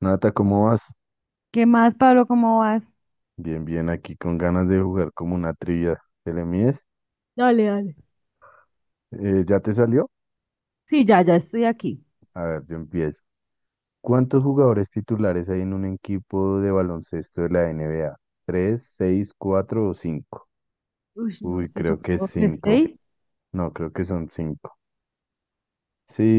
Nata, ¿cómo vas? ¿Qué más, Pablo? ¿Cómo vas? Bien, bien, aquí con ganas de jugar como una trivia. ¿Te le mides? Dale, dale. ¿Ya te salió? Sí, ya, ya estoy aquí. A ver, yo empiezo. ¿Cuántos jugadores titulares hay en un equipo de baloncesto de la NBA? ¿Tres, seis, cuatro o cinco? Uy, no Uy, sé, creo que es supongo que cinco. seis. No, creo que son cinco.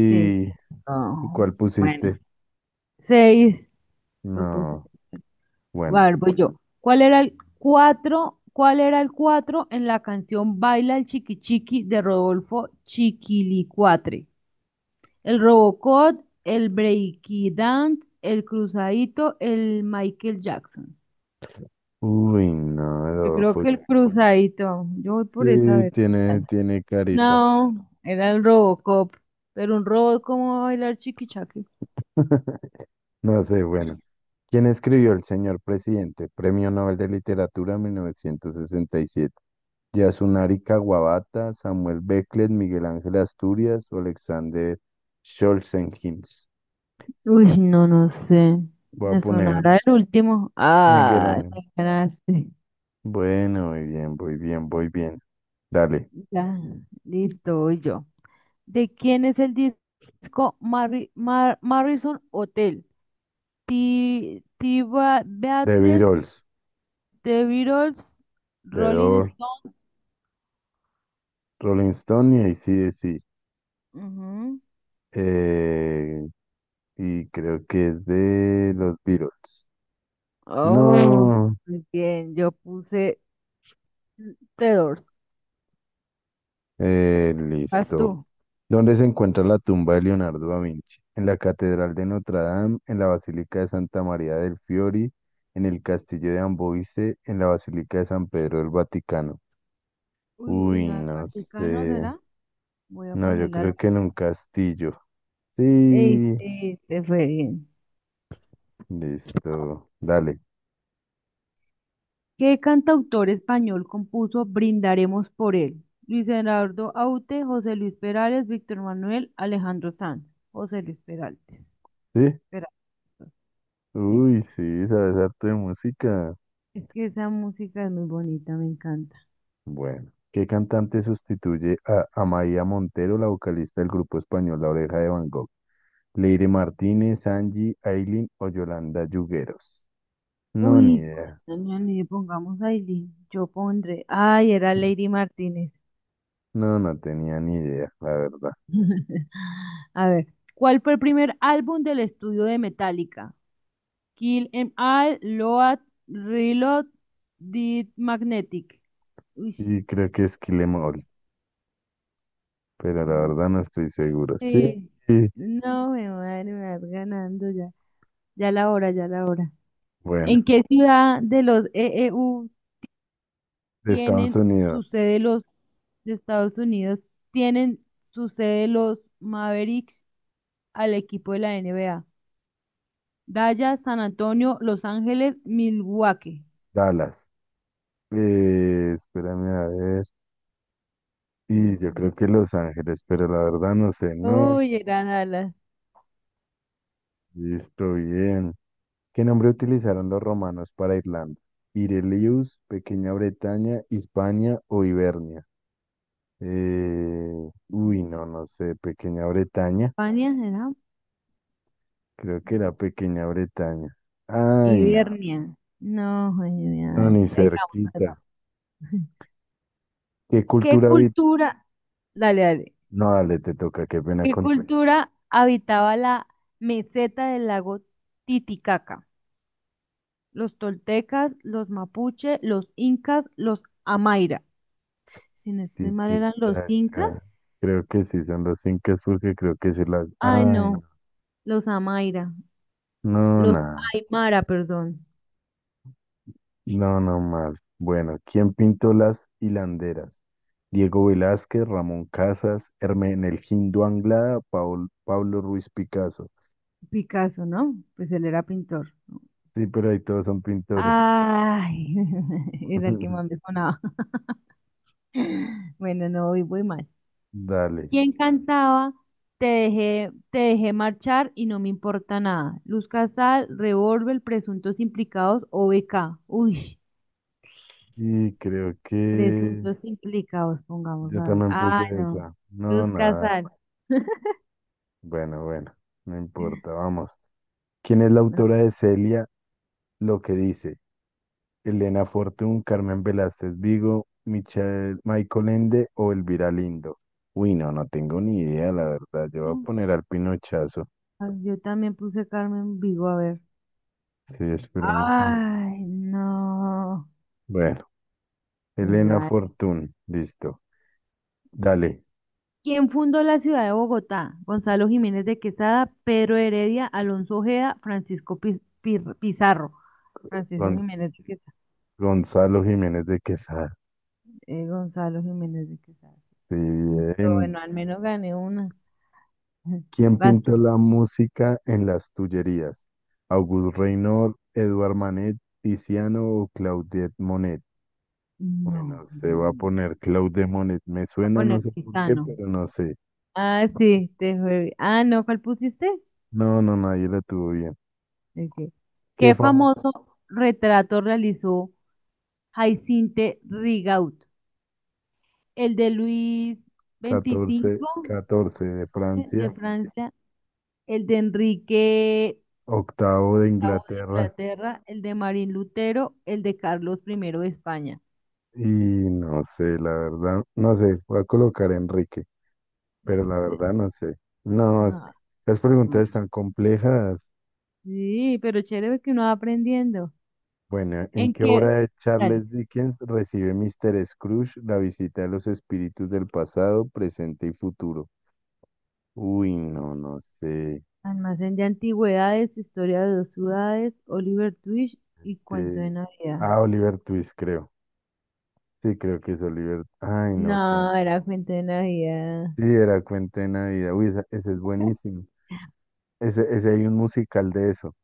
Sí. ¿Y No, cuál bueno, pusiste? seis. Lo puse. No. A Bueno. ver, voy yo. ¿Cuál era el cuatro? ¿Cuál era el cuatro en la canción Baila el Chiqui Chiqui de Rodolfo Chiquilicuatre? El Robocop, el Breaky Dance, el Cruzadito, el Michael Jackson. Uy, no, Yo creo Adolfo. que el Cruzadito. Yo voy por esa Sí, vez. tiene carita. No, era el Robocop, pero un robot como va a bailar chiquichaque. No sé, bueno. ¿Quién escribió El señor presidente? Premio Nobel de Literatura 1967. Yasunari Kawabata, Samuel Beckett, Miguel Ángel Asturias o Alexander Solzhenitsyn. Uy, no, no sé. Voy a Me poner sonará el último. Miguel Ah, Ángel. me ganaste. Bueno, muy bien, muy bien, muy bien. Dale. Ya, listo, voy yo. ¿De quién es el disco Marrison Hotel? The Beatles, Beatles, The Beatles, The Rolling Door, Stone. Rolling Stone y AC/DC. Ujú. Eh, y creo que es de los Beatles. Oh, No, muy bien, yo puse Tedors. ¿Vas listo. tú? ¿Dónde se encuentra la tumba de Leonardo da Vinci? En la Catedral de Notre Dame, en la Basílica de Santa María del Fiori, en el Castillo de Amboise, en la Basílica de San Pedro del Vaticano. Uy, ¿en Uy, el no Vaticano sé. será? Voy a No, yo ponerla. Creo que en un castillo. Ey, Sí, sí, este fue bien. listo. Dale. ¿Qué cantautor español compuso Brindaremos por él? Luis Gerardo Aute, José Luis Perales, Víctor Manuel, Alejandro Sanz. José Luis Peraltes. ¿Sí? Peralta, sí. Uy, sí, sabes harto de música. Es que esa música es muy bonita, me encanta. Bueno, ¿qué cantante sustituye a Amaia Montero, la vocalista del grupo español La Oreja de Van Gogh? ¿Leire Martínez, Angie, Ailin o Yolanda Yugueros? No, ni Uy, idea. cuando me anime, pongamos Aileen, yo pondré. Ay, era Lady Martínez. No, no tenía ni idea, la verdad. A ver, ¿cuál fue el primer álbum del estudio de Metallica? Kill 'Em All, Load, Reload, Did Magnetic. Uy, Y creo que es Kilemol, pero la ujú, verdad no estoy seguro. Sí, sí. sí. No, me madre, me vas ganando ya. Ya la hora, ya la hora. Bueno, ¿En qué ciudad de los EEU de Estados tienen su Unidos, sede los de Estados Unidos? Tienen su sede los Mavericks, al equipo de la NBA. Dallas, San Antonio, Los Ángeles, Milwaukee. Dallas. Espérame a ver. Y yo Mm, creo que Los Ángeles, pero la verdad no sé. No, Uy, era Dallas. listo, bien. ¿Qué nombre utilizaron los romanos para Irlanda? Irelius, Pequeña Bretaña, Hispania o Hibernia. Eh, mm, uy, no, no sé, Pequeña Bretaña. España, ¿era? Creo que era Pequeña Bretaña. Ay, no, Hibernia. No, joder, mi no, madre. ni Ahí vamos, ahí cerquita. vamos. ¿Qué ¿Qué cultura vi? cultura, dale, dale, No, dale, te toca, qué pena qué contigo. cultura habitaba la meseta del lago Titicaca? Los toltecas, los mapuche, los incas, los amaira. Si no estoy mal, eran los incas. Titicaca. Creo que sí, son los incas porque creo que sí las... Ay, Ay, no, no, los amaira, no, los nada. aymara, perdón. No, no mal. Bueno, ¿quién pintó las hilanderas? Diego Velázquez, Ramón Casas, Hermenegildo Anglada, Pablo Ruiz Picasso. Picasso, ¿no? Pues él era pintor. Sí, pero ahí todos son pintores. Ay, era el que más me sonaba. Bueno, no, voy mal. Dale. ¿Quién cantaba? Te dejé marchar y no me importa nada. Luz Casal, Revólver, Presuntos Implicados o BK. Uy, Y creo que Presuntos Implicados, pongamos yo a ver. también Ah, puse no. esa. No, Luz nada. Casal. Bueno, bueno, no importa, vamos. ¿Quién es la autora de Celia? Lo que dice. Elena Fortún, Carmen Velázquez Vigo, Michael Ende o Elvira Lindo. Uy, no, no tengo ni idea, la verdad. Yo voy a poner al Pinochazo. Ah, yo también puse Carmen Vigo, a ver. Sí, esperemos. Ay, no. Bueno, Bueno, Elena a ver. Fortún, listo. Dale, ¿Quién fundó la ciudad de Bogotá? Gonzalo Jiménez de Quesada, Pedro Heredia, Alonso Ojeda, Francisco Pizarro. Francisco Gon- Jiménez de Quesada. Gonzalo Jiménez de Quesada. Gonzalo Jiménez de Quesada. Sí, Y yo, bien. bueno, al menos gané una. ¿Quién Vas tú. pintó la música en las Tullerías? Auguste Renoir, Edouard Manet, Tiziano o Claudette Monet. No. Bueno, se va a Voy poner Cloud Demonet. Me a suena, poner no sé por qué, Tizano. pero no sé. Ah, sí, te fue. Ah, no, ¿cuál pusiste? No, no, nadie la tuvo bien. El ¿Qué ¿qué fama? famoso retrato realizó Jaicinte Rigaud? ¿El de Luis Catorce, veinticinco 14 de Francia, de Francia? ¿El de Enrique octavo de octavo de Inglaterra. Inglaterra? ¿El de Marín Lutero? ¿El de Carlos primero de España? Y no sé, la verdad, no sé, voy a colocar a Enrique, pero la Entonces, verdad no sé. No, es- no, Las preguntas no, están complejas. sí, pero chévere que uno va aprendiendo. Bueno, ¿en ¿En qué obra qué? de Dale. Charles Dickens recibe Mr. Scrooge la visita de los espíritus del pasado, presente y futuro? Uy, no, no sé. Almacén de antigüedades, historia de dos ciudades, Oliver Twist y cuento de Este, Navidad. Oliver Twist, creo. Sí, creo que es Oliver. Ay, no, No, Cuenten. era cuento de Navidad. Sí, era Cuenta de Navidad. Uy, ese, es buenísimo. Ese hay un musical de eso.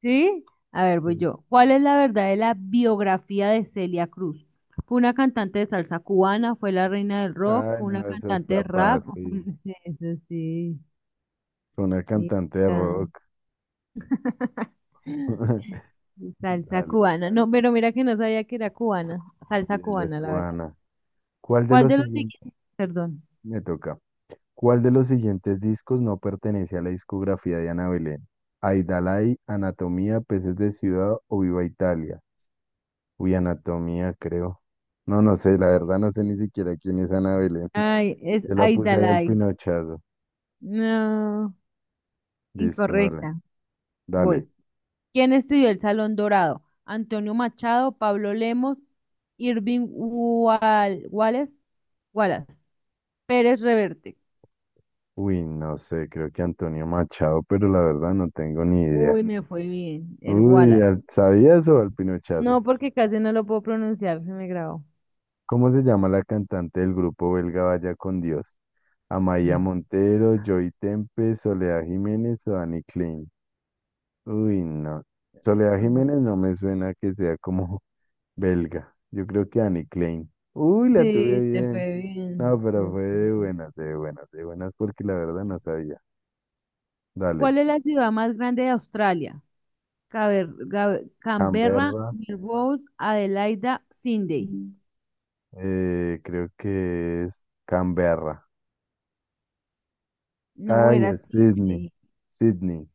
¿Sí? A ver, voy Sí. yo. ¿Cuál es la verdad de la biografía de Celia Cruz? ¿Fue una cantante de salsa cubana? ¿Fue la reina del rock? Ay, ¿Fue una no, eso cantante de está rap? fácil. Sí, eso sí, Fue una sí, cantante de ah. rock. Salsa Dale, cubana. No, pero mira que no sabía que era cubana. sí, Salsa ella es cubana, la verdad. cubana. ¿Cuál de ¿Cuál los de los siguientes? siguientes? Perdón. Me toca. ¿Cuál de los siguientes discos no pertenece a la discografía de Ana Belén? Aidalay, Anatomía, Peces de Ciudad o Viva Italia. Uy, anatomía, creo. No, no sé, la verdad no sé ni siquiera quién es Ana Belén. Ay, es Yo la puse ahí al Aidalay. pinochazo. No, Listo, dale. incorrecta. Dale. Voy. ¿Quién estudió el Salón Dorado? Antonio Machado, Pablo Lemos, Irving Wallace, Pérez Reverte. Uy, no sé, creo que Antonio Machado, pero la verdad no tengo ni idea. Uy, me fue bien, el Uy, Wallace. ¿al- ¿sabías o al pinochazo? No, porque casi no lo puedo pronunciar, se me grabó. ¿Cómo se llama la cantante del grupo belga Vaya con Dios? Amaya Montero, Joy Tempe, Soledad Jiménez o Dani Klein. Uy, no. Soledad Ah, Jiménez no. no me suena que sea como belga. Yo creo que Annie Klein. Uy, la tuve Sí, te bien. fue No, bien, pero te fue fue de bien. buenas, de buenas, de buenas, porque la verdad no sabía. Dale. ¿Cuál es la ciudad más grande de Australia? Canberra, Canberra. Melbourne, Adelaida, Sydney. Mm. Creo que es Canberra. No Ay, era es Sydney. Sydney, Sydney.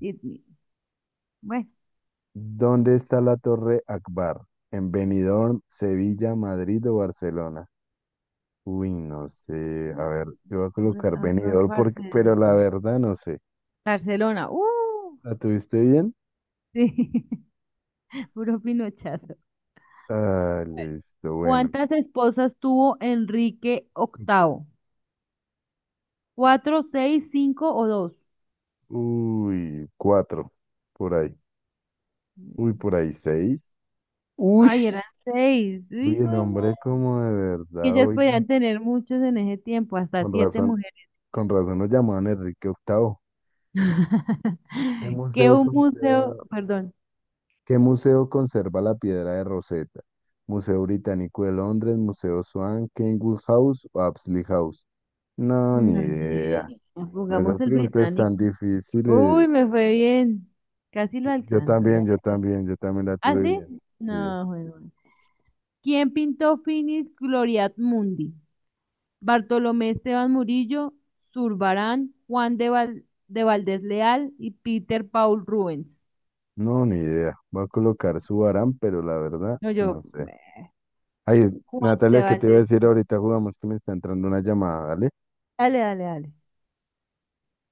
Sydney. Bueno, ¿Dónde está la Torre Akbar? ¿En Benidorm, Sevilla, Madrid o Barcelona? Uy, no sé. A ver, yo voy a colocar Benidorm porque, pero la Barcelona. verdad no sé. Barcelona. ¡Uh! ¿La tuviste bien? Sí, puro pinochazo. Ah, listo, bueno. ¿Cuántas esposas tuvo Enrique Octavo? ¿Cuatro, seis, cinco o dos? Uy, cuatro, por ahí. Uy, por ahí seis. Uy, Ay, eran seis. uy, Hijo el de madre. hombre como de Que verdad, ellas oiga. podían tener muchos en ese tiempo, hasta Con siete. razón, con razón nos llamaban Enrique Octavo. ¿Qué Que museo, un museo, conserva- perdón, ¿Qué museo conserva la piedra de Rosetta? ¿Museo Británico de Londres, Museo Swan, Kenwood House o Apsley House? No, ni no, eh, idea. pongamos Esas el preguntas tan británico. difíciles. Uy, me fue bien. Casi lo Yo alcanzo, ya. también, yo también, yo también la ¿Ah, tuve sí? bien. Sí. No, bueno. ¿Quién pintó Finis Gloriat Mundi? Bartolomé Esteban Murillo, Zurbarán, de Valdés Leal y Peter Paul Rubens. No, ni idea. Va a colocar su Aram, pero la verdad, No, yo, no sé. eh, Ay, Juan de Natalia, ¿qué te iba a Valdés. decir ahorita? Jugamos que me está entrando una llamada, ¿vale? Dale, dale, dale.